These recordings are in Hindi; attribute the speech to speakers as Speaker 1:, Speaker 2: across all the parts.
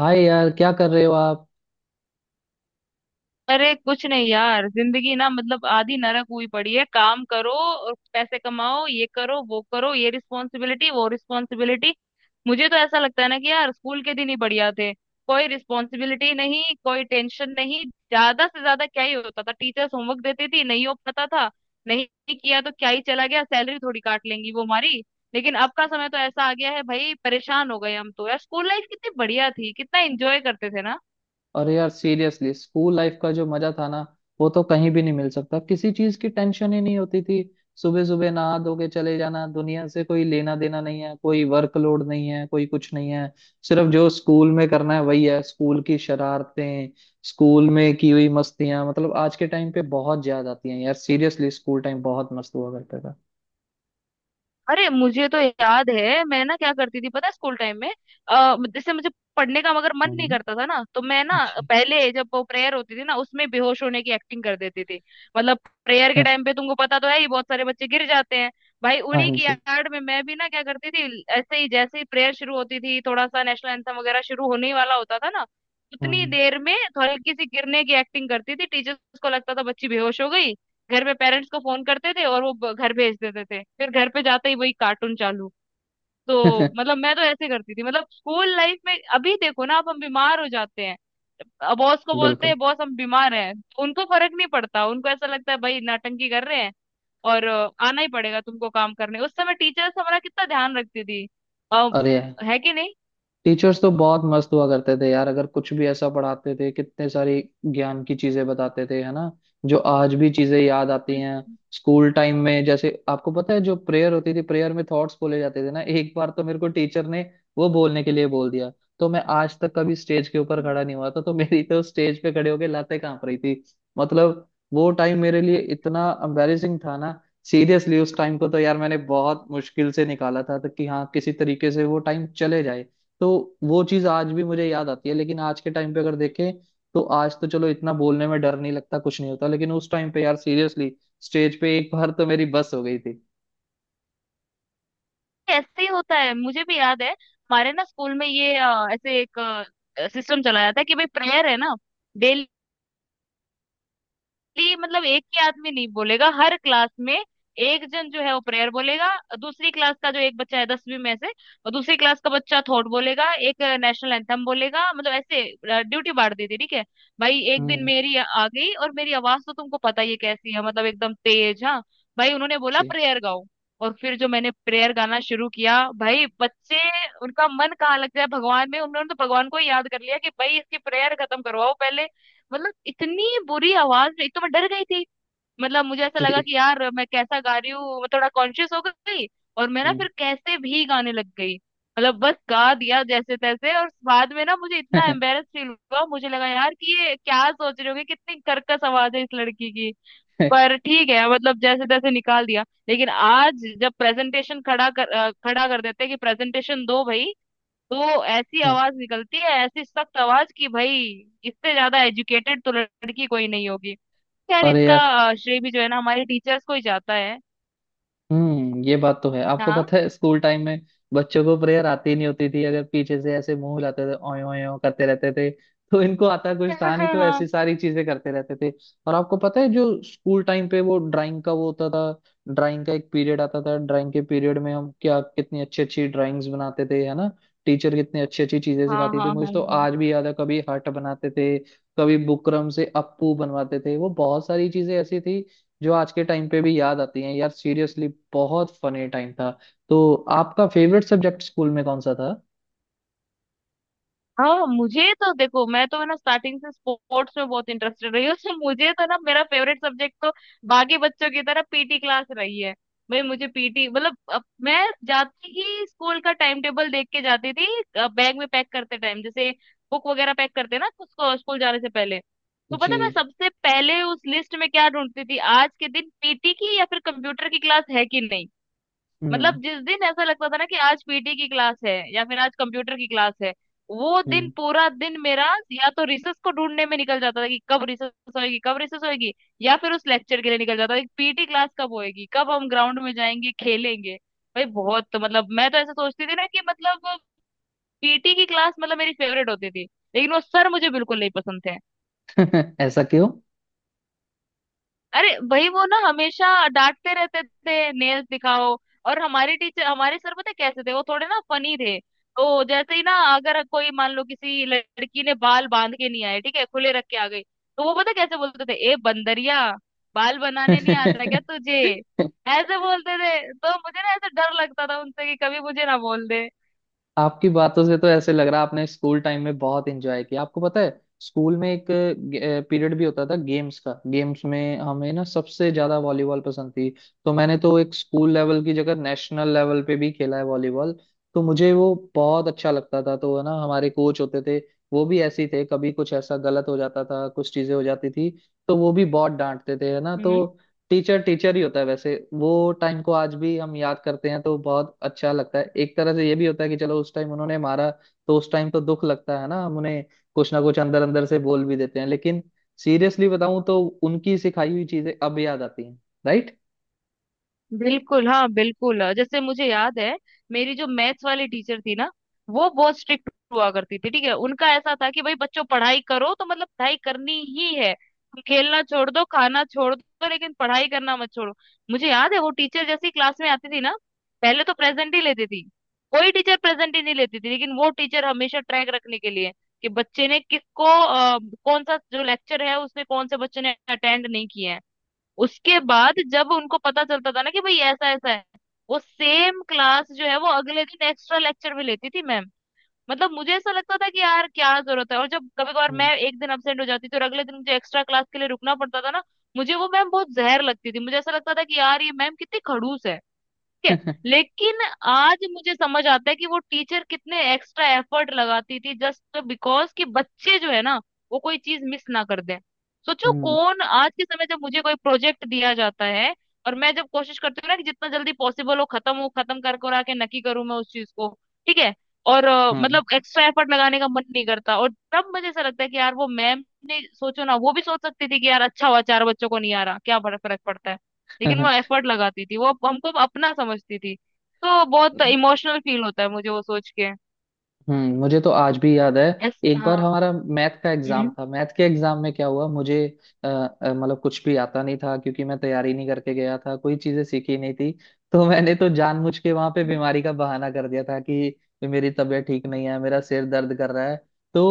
Speaker 1: हाय यार, क्या कर रहे हो आप।
Speaker 2: अरे कुछ नहीं यार, जिंदगी ना मतलब आधी नरक हुई पड़ी है। काम करो और पैसे कमाओ, ये करो वो करो, ये रिस्पॉन्सिबिलिटी वो रिस्पॉन्सिबिलिटी। मुझे तो ऐसा लगता है ना कि यार, स्कूल के दिन ही बढ़िया थे। कोई रिस्पॉन्सिबिलिटी नहीं, कोई टेंशन नहीं। ज्यादा से ज्यादा क्या ही होता था, टीचर्स होमवर्क देती थी, नहीं हो पाता था। नहीं किया तो क्या ही चला गया, सैलरी थोड़ी काट लेंगी वो हमारी। लेकिन अब का समय तो ऐसा आ गया है भाई, परेशान हो गए हम तो। यार स्कूल लाइफ कितनी बढ़िया थी, कितना एंजॉय करते थे ना।
Speaker 1: और यार सीरियसली स्कूल लाइफ का जो मजा था ना, वो तो कहीं भी नहीं मिल सकता। किसी चीज की टेंशन ही नहीं होती थी। सुबह सुबह नहा धो के चले जाना, दुनिया से कोई लेना देना नहीं है, कोई वर्कलोड नहीं है, कोई कुछ नहीं है। सिर्फ जो स्कूल में करना है वही है। स्कूल की शरारतें, स्कूल में की हुई मस्तियां, मतलब आज के टाइम पे बहुत याद आती हैं यार। सीरियसली स्कूल टाइम बहुत मस्त हुआ करता था।
Speaker 2: अरे मुझे तो याद है, मैं ना क्या करती थी पता है स्कूल टाइम में। जैसे मुझे पढ़ने का मगर मन
Speaker 1: हाँ
Speaker 2: नहीं करता था ना, तो मैं ना
Speaker 1: जी।
Speaker 2: पहले जब वो प्रेयर होती थी ना, उसमें बेहोश होने की एक्टिंग कर देती थी। मतलब प्रेयर के टाइम पे तुमको पता तो है ही, बहुत सारे बच्चे गिर जाते हैं। भाई उन्हीं
Speaker 1: हाँ।
Speaker 2: की
Speaker 1: जी।
Speaker 2: आड़ में मैं भी ना क्या करती थी, ऐसे ही जैसे ही प्रेयर शुरू होती थी, थोड़ा सा नेशनल एंथम वगैरह शुरू होने ही वाला होता था ना, उतनी
Speaker 1: हाँ।
Speaker 2: देर में हल्की सी गिरने की एक्टिंग करती थी। टीचर्स को लगता था बच्ची बेहोश हो गई। घर पे पेरेंट्स को फोन करते थे, और वो घर भेज देते थे। फिर घर पे जाते ही वही कार्टून चालू। तो मतलब मैं तो ऐसे करती थी मतलब स्कूल लाइफ में। अभी देखो ना, अब हम बीमार हो जाते हैं, बॉस को बोलते
Speaker 1: बिल्कुल।
Speaker 2: हैं बॉस हम बीमार हैं, तो उनको फर्क नहीं पड़ता, उनको ऐसा लगता है भाई नाटंकी कर रहे हैं। और आना ही पड़ेगा तुमको काम करने। उस समय टीचर्स हमारा कितना ध्यान रखती थी, आ,
Speaker 1: अरे यार,
Speaker 2: है कि नहीं।
Speaker 1: टीचर्स तो बहुत मस्त हुआ करते थे यार। अगर कुछ भी ऐसा पढ़ाते थे, कितने सारी ज्ञान की चीजें बताते थे, है ना। जो आज भी चीजें याद आती हैं। स्कूल टाइम में जैसे आपको पता है, जो प्रेयर होती थी, प्रेयर में थॉट्स बोले जाते थे ना, एक बार तो मेरे को टीचर ने वो बोलने के लिए बोल दिया। तो मैं आज तक कभी स्टेज के ऊपर
Speaker 2: हम्म।
Speaker 1: खड़ा नहीं हुआ था, तो मेरी तो स्टेज पे खड़े होके लातें कांप रही थी। मतलब वो टाइम मेरे लिए इतना एम्बेरेसिंग था ना। सीरियसली उस टाइम को तो यार मैंने बहुत मुश्किल से निकाला था, तो कि हाँ किसी तरीके से वो टाइम चले जाए। तो वो चीज आज भी मुझे याद आती है। लेकिन आज के टाइम पे अगर देखें, तो आज तो चलो इतना बोलने में डर नहीं लगता, कुछ नहीं होता। लेकिन उस टाइम पे यार सीरियसली स्टेज पे एक बार तो मेरी बस हो गई थी।
Speaker 2: ऐसे ही होता है। मुझे भी याद है हमारे ना स्कूल में ये ऐसे एक सिस्टम चलाया था कि भाई प्रेयर है ना डेली, खाली मतलब एक ही आदमी नहीं बोलेगा हर क्लास में, एक जन जो है वो प्रेयर बोलेगा, दूसरी क्लास का जो एक बच्चा है दसवीं में से, और दूसरी क्लास का बच्चा थॉट बोलेगा, एक नेशनल एंथम बोलेगा। मतलब ऐसे ड्यूटी बांट दी थी, ठीक है। भाई एक दिन
Speaker 1: हम्म।
Speaker 2: मेरी आ गई, और मेरी आवाज तो तुमको पता ही है कैसी है, मतलब एकदम तेज, हाँ। भाई उन्होंने बोला
Speaker 1: जी।
Speaker 2: प्रेयर गाओ, और फिर जो मैंने प्रेयर गाना शुरू किया भाई, बच्चे, उनका मन कहाँ लग जाए भगवान में, उन्होंने तो भगवान को ही याद कर लिया कि भाई इसकी प्रेयर खत्म करवाओ पहले। मतलब इतनी बुरी आवाज में। एक तो मैं डर गई थी, मतलब मुझे ऐसा लगा
Speaker 1: जी।
Speaker 2: कि यार मैं कैसा गा रही हूँ, मैं थोड़ा कॉन्शियस हो गई, और मैं ना
Speaker 1: हम्म।
Speaker 2: फिर कैसे भी गाने लग गई, मतलब बस गा दिया जैसे तैसे। और बाद में ना मुझे इतना एम्बेरस फील हुआ, मुझे लगा यार कि ये क्या सोच रहे होगे, कितनी कर्कश आवाज है इस लड़की की। पर ठीक है, मतलब जैसे तैसे निकाल दिया। लेकिन आज जब प्रेजेंटेशन खड़ा कर देते हैं कि प्रेजेंटेशन दो भाई, तो ऐसी आवाज निकलती है, ऐसी सख्त आवाज कि भाई, इससे ज्यादा एजुकेटेड तो लड़की कोई नहीं होगी। खैर,
Speaker 1: अरे
Speaker 2: इसका
Speaker 1: यार।
Speaker 2: श्रेय भी जो है ना हमारे टीचर्स को ही जाता है।
Speaker 1: हम्म, ये बात तो है। आपको
Speaker 2: हाँ।
Speaker 1: पता है स्कूल टाइम में बच्चों को प्रेयर आती नहीं होती थी, अगर पीछे से ऐसे मुंह हिलाते थे, ओए ओए ओए करते रहते थे। तो इनको आता कुछ
Speaker 2: हाँ
Speaker 1: था नहीं,
Speaker 2: हाँ
Speaker 1: तो
Speaker 2: हाँ।
Speaker 1: ऐसी सारी चीजें करते रहते थे। और आपको पता है, जो स्कूल टाइम पे वो ड्राइंग का वो होता था, ड्राइंग का एक पीरियड आता था। ड्राइंग के पीरियड में हम क्या कितनी अच्छी अच्छी ड्राइंग्स बनाते थे, है ना। टीचर कितनी अच्छी अच्छी चीजें
Speaker 2: हाँ
Speaker 1: सिखाती थी।
Speaker 2: हाँ
Speaker 1: मुझे
Speaker 2: हाँ
Speaker 1: तो आज भी याद है, कभी हट बनाते थे, कभी बुकरम से अप्पू बनवाते थे। वो बहुत सारी चीजें ऐसी थी जो आज के टाइम पे भी याद आती हैं यार। सीरियसली बहुत फनी टाइम था। तो आपका फेवरेट सब्जेक्ट स्कूल में कौन सा था।
Speaker 2: हाँ। मुझे तो देखो, मैं तो है ना स्टार्टिंग से स्पोर्ट्स में बहुत इंटरेस्टेड रही हूँ। तो मुझे तो ना मेरा फेवरेट सब्जेक्ट तो बाकी बच्चों की तरह पीटी क्लास रही है। भाई मुझे पीटी मतलब, अब मैं जाती ही स्कूल का टाइम टेबल देख के जाती थी। बैग में पैक करते टाइम जैसे बुक वगैरह पैक करते ना उसको, स्कूल जाने से पहले, तो पता
Speaker 1: जी।
Speaker 2: है मैं सबसे पहले उस लिस्ट में क्या ढूंढती थी, आज के दिन पीटी की या फिर कंप्यूटर की क्लास है कि नहीं।
Speaker 1: हम्म।
Speaker 2: मतलब जिस दिन ऐसा लगता था ना कि आज पीटी की क्लास है या फिर आज कंप्यूटर की क्लास है, वो दिन
Speaker 1: हम्म।
Speaker 2: पूरा दिन मेरा या तो रिसर्च को ढूंढने में निकल जाता था कि कब रिसर्च होएगी कब रिसर्च होएगी, या फिर उस लेक्चर के लिए निकल जाता था कि पीटी क्लास कब होएगी, कब हम ग्राउंड में जाएंगे खेलेंगे। भाई बहुत मतलब मैं तो ऐसा सोचती थी ना कि मतलब पीटी की क्लास मतलब मेरी फेवरेट होती थी। लेकिन वो सर मुझे बिल्कुल नहीं पसंद थे।
Speaker 1: ऐसा क्यों।
Speaker 2: अरे भाई, वो ना हमेशा डांटते रहते थे नेल्स दिखाओ। और हमारे टीचर हमारे सर पता है कैसे थे, वो थोड़े ना फनी थे, तो जैसे ही ना अगर कोई मान लो किसी लड़की ने बाल बांध के नहीं आए, ठीक है खुले रख के आ गई, तो वो पता है कैसे बोलते थे, ए बंदरिया बाल बनाने नहीं आता क्या तुझे। ऐसे बोलते थे, तो मुझे ना ऐसे डर लगता था उनसे कि कभी मुझे ना बोल दे।
Speaker 1: आपकी बातों से तो ऐसे लग रहा है आपने स्कूल टाइम में बहुत एंजॉय किया। आपको पता है स्कूल में एक पीरियड भी होता था गेम्स का। गेम्स में हमें ना सबसे ज्यादा वॉलीबॉल पसंद थी। तो मैंने तो एक स्कूल लेवल की जगह नेशनल लेवल पे भी खेला है वॉलीबॉल। तो मुझे वो बहुत अच्छा लगता था। तो है ना, हमारे कोच होते थे, वो भी ऐसे ही थे। कभी कुछ ऐसा गलत हो जाता था, कुछ चीजें हो जाती थी, तो वो भी बहुत डांटते थे, है ना। तो टीचर टीचर ही होता है वैसे। वो टाइम को आज भी हम याद करते हैं, तो बहुत अच्छा लगता है। एक तरह से ये भी होता है कि चलो उस टाइम उन्होंने मारा, तो उस टाइम तो दुख लगता है ना, हम उन्हें कुछ ना कुछ अंदर अंदर से बोल भी देते हैं। लेकिन सीरियसली बताऊं तो उनकी सिखाई हुई चीजें अब याद आती हैं। राइट।
Speaker 2: बिल्कुल हाँ, बिल्कुल। जैसे मुझे याद है, मेरी जो मैथ्स वाली टीचर थी ना, वो बहुत स्ट्रिक्ट हुआ करती थी। ठीक है, उनका ऐसा था कि भाई बच्चों पढ़ाई करो, तो मतलब पढ़ाई करनी ही है, तुम खेलना छोड़ दो, खाना छोड़ दो, लेकिन पढ़ाई करना मत छोड़ो। मुझे याद है, वो टीचर जैसी क्लास में आती थी ना, पहले तो प्रेजेंट ही लेती थी। कोई टीचर प्रेजेंट ही नहीं लेती थी, लेकिन वो टीचर हमेशा ट्रैक रखने के लिए कि बच्चे ने किसको कौन सा जो लेक्चर है उसमें कौन से बच्चे ने अटेंड नहीं किया है। उसके बाद जब उनको पता चलता था ना कि भाई ऐसा ऐसा है, वो सेम क्लास जो है वो अगले दिन एक्स्ट्रा लेक्चर भी लेती थी मैम। मतलब मुझे ऐसा लगता था कि यार क्या जरूरत है, और जब कभी कभार
Speaker 1: हम्म।
Speaker 2: मैं एक दिन अब्सेंट हो जाती थी और अगले दिन मुझे एक्स्ट्रा क्लास के लिए रुकना पड़ता था ना, मुझे वो मैम बहुत जहर लगती थी, मुझे ऐसा लगता था कि यार ये मैम कितनी खड़ूस है। ठीक है। लेकिन आज मुझे समझ आता है कि वो टीचर कितने एक्स्ट्रा एफर्ट लगाती थी जस्ट बिकॉज कि बच्चे जो है ना वो कोई चीज मिस ना कर दें। सोचो,
Speaker 1: हम्म।
Speaker 2: कौन आज के समय, जब मुझे कोई प्रोजेक्ट दिया जाता है और मैं जब कोशिश करती हूँ ना कि जितना जल्दी पॉसिबल हो खत्म कर कर आके नकी करूँ मैं उस चीज को। ठीक है। और मतलब एक्स्ट्रा एफर्ट लगाने का मन नहीं करता। और तब मुझे ऐसा लगता है कि यार वो मैम ने, सोचो ना वो भी सोच सकती थी कि यार अच्छा हुआ, चार बच्चों को नहीं आ रहा क्या फर्क फर्क पड़ता है, लेकिन
Speaker 1: हम्म।
Speaker 2: वो एफर्ट लगाती थी, वो हमको अपना समझती थी। तो बहुत इमोशनल फील होता है मुझे वो सोच के।
Speaker 1: हम्म, मुझे तो आज भी याद है,
Speaker 2: ऐस,
Speaker 1: एक बार
Speaker 2: हाँ।
Speaker 1: हमारा मैथ का एग्जाम
Speaker 2: हम्म।
Speaker 1: था। मैथ के एग्जाम में क्या हुआ, मुझे मतलब कुछ भी आता नहीं था, क्योंकि मैं तैयारी नहीं करके गया था, कोई चीजें सीखी नहीं थी। तो मैंने तो जानबूझ के वहां पे बीमारी का बहाना कर दिया था कि मेरी तबीयत ठीक नहीं है, मेरा सिर दर्द कर रहा है। तो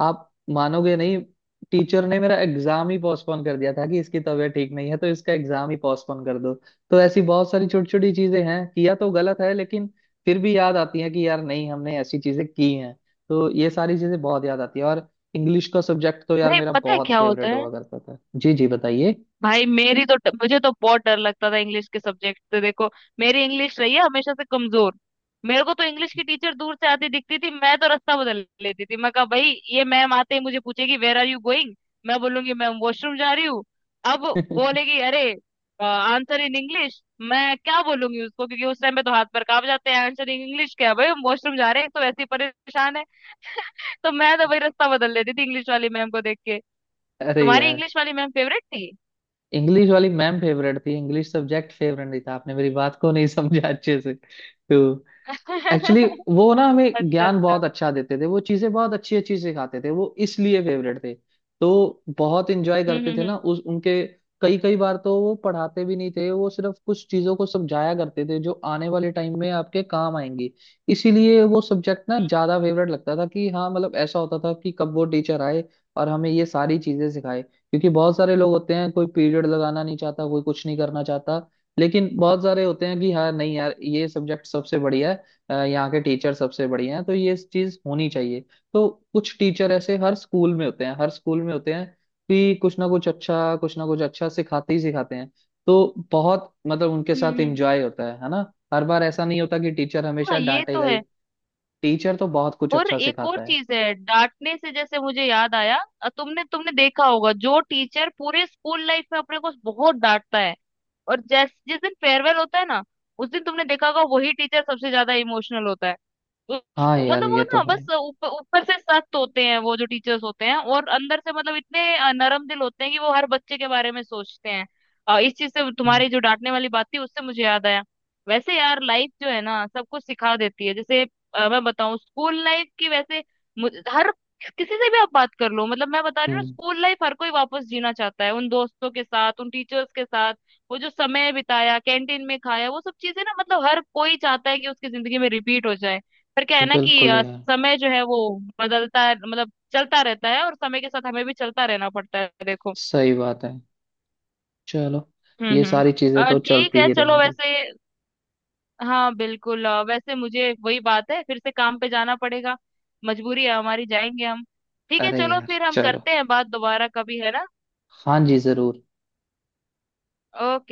Speaker 1: आप मानोगे नहीं, टीचर ने मेरा एग्जाम ही पोस्टपोन कर दिया था कि इसकी तबीयत ठीक नहीं है, तो इसका एग्जाम ही पोस्टपोन कर दो। तो ऐसी बहुत सारी छोटी छोटी चीजें हैं, किया तो गलत है, लेकिन फिर भी याद आती है कि यार नहीं, हमने ऐसी चीजें की हैं। तो ये सारी चीजें बहुत याद आती है। और इंग्लिश का सब्जेक्ट तो यार
Speaker 2: अरे
Speaker 1: मेरा
Speaker 2: पता है
Speaker 1: बहुत
Speaker 2: क्या होता
Speaker 1: फेवरेट
Speaker 2: है,
Speaker 1: हुआ करता था। जी जी, बताइए।
Speaker 2: भाई मेरी तो, मुझे तो बहुत डर लगता था इंग्लिश के सब्जेक्ट से, देखो मेरी इंग्लिश रही है हमेशा से कमजोर। मेरे को तो इंग्लिश
Speaker 1: जी।
Speaker 2: की टीचर दूर से आती दिखती थी, मैं तो रास्ता बदल लेती थी, मैं कहा भाई ये मैम आते ही मुझे पूछेगी वेर आर यू गोइंग, मैं बोलूंगी मैम वॉशरूम जा रही हूँ। अब बोलेगी अरे, आंसर इन इंग्लिश, मैं क्या बोलूंगी उसको, क्योंकि उस टाइम पे तो हाथ पर कांप जाते हैं, आंसर इन इंग्लिश क्या, भाई हम वॉशरूम जा रहे हैं तो वैसे ही परेशान है। तो मैं तो भाई रास्ता बदल लेती थी इंग्लिश वाली मैम को देख के।
Speaker 1: अरे
Speaker 2: तुम्हारी
Speaker 1: यार,
Speaker 2: इंग्लिश वाली मैम फेवरेट
Speaker 1: इंग्लिश वाली मैम फेवरेट थी, इंग्लिश सब्जेक्ट फेवरेट नहीं था। आपने मेरी बात को नहीं समझा अच्छे से। तो
Speaker 2: थी।
Speaker 1: एक्चुअली वो ना हमें
Speaker 2: अच्छा
Speaker 1: ज्ञान
Speaker 2: अच्छा।
Speaker 1: बहुत अच्छा देते थे, वो चीजें बहुत अच्छी अच्छी सिखाते थे, वो इसलिए फेवरेट थे। तो बहुत इंजॉय करते थे ना
Speaker 2: हम्म।
Speaker 1: उस उनके। कई कई बार तो वो पढ़ाते भी नहीं थे, वो सिर्फ कुछ चीजों को समझाया करते थे जो आने वाले टाइम में आपके काम आएंगी। इसीलिए वो सब्जेक्ट ना ज्यादा फेवरेट लगता था कि हाँ मतलब ऐसा होता था कि कब वो टीचर आए और हमें ये सारी चीजें सिखाए। क्योंकि बहुत सारे लोग होते हैं, कोई पीरियड लगाना नहीं चाहता, कोई कुछ नहीं करना चाहता। लेकिन बहुत सारे होते हैं कि हाँ नहीं यार, ये सब्जेक्ट सबसे बढ़िया है, यहाँ के टीचर सबसे बढ़िया हैं, तो ये चीज होनी चाहिए। तो कुछ टीचर ऐसे हर स्कूल में होते हैं, हर स्कूल में होते हैं कि कुछ ना कुछ अच्छा, कुछ ना कुछ अच्छा सिखाते ही सिखाते हैं। तो बहुत मतलब उनके
Speaker 2: हम्म, हम्म।
Speaker 1: साथ
Speaker 2: हम्म।
Speaker 1: एंजॉय होता है ना। हर बार ऐसा नहीं होता कि टीचर
Speaker 2: हाँ,
Speaker 1: हमेशा
Speaker 2: ये
Speaker 1: डांटेगा
Speaker 2: तो
Speaker 1: ही।
Speaker 2: है।
Speaker 1: टीचर तो बहुत कुछ
Speaker 2: और
Speaker 1: अच्छा
Speaker 2: एक और
Speaker 1: सिखाता है।
Speaker 2: चीज है डांटने से, जैसे मुझे याद आया। अ, तुमने तुमने देखा होगा जो टीचर पूरे स्कूल लाइफ में अपने को बहुत डांटता है, और जैस जिस दिन फेयरवेल होता है ना, उस दिन तुमने देखा होगा वही टीचर सबसे ज्यादा इमोशनल होता है।
Speaker 1: हाँ
Speaker 2: उसको
Speaker 1: यार,
Speaker 2: मतलब वो
Speaker 1: ये तो
Speaker 2: ना
Speaker 1: है।
Speaker 2: बस ऊपर ऊपर से सख्त होते हैं वो जो टीचर्स होते हैं, और अंदर से मतलब इतने नरम दिल होते हैं कि वो हर बच्चे के बारे में सोचते हैं। इस चीज से
Speaker 1: हम्म
Speaker 2: तुम्हारी जो डांटने वाली बात थी उससे मुझे याद आया। वैसे यार लाइफ जो है ना सब कुछ सिखा देती है। जैसे मैं बताऊं स्कूल लाइफ की, वैसे हर किसी से भी आप बात कर लो, मतलब मैं बता रही हूँ
Speaker 1: हम्म,
Speaker 2: स्कूल लाइफ हर कोई वापस जीना चाहता है, उन दोस्तों के साथ, उन टीचर्स के साथ, वो जो समय बिताया कैंटीन में खाया, वो सब चीजें ना मतलब हर कोई चाहता है कि उसकी जिंदगी में रिपीट हो जाए। पर क्या है ना कि
Speaker 1: बिल्कुल यार।
Speaker 2: समय जो है वो बदलता है, मतलब चलता रहता है, और समय के साथ हमें भी चलता रहना पड़ता है देखो।
Speaker 1: सही बात है। चलो, ये
Speaker 2: हम्म।
Speaker 1: सारी चीजें तो
Speaker 2: ठीक
Speaker 1: चलती
Speaker 2: है
Speaker 1: ही
Speaker 2: चलो
Speaker 1: रहेंगी।
Speaker 2: वैसे, हाँ बिल्कुल। वैसे मुझे वही बात है फिर से काम पे जाना पड़ेगा, मजबूरी है हमारी, जाएंगे हम। ठीक है
Speaker 1: अरे
Speaker 2: चलो,
Speaker 1: यार
Speaker 2: फिर हम
Speaker 1: चलो।
Speaker 2: करते हैं बात दोबारा कभी, है ना।
Speaker 1: हाँ जी, जरूर।
Speaker 2: ओके।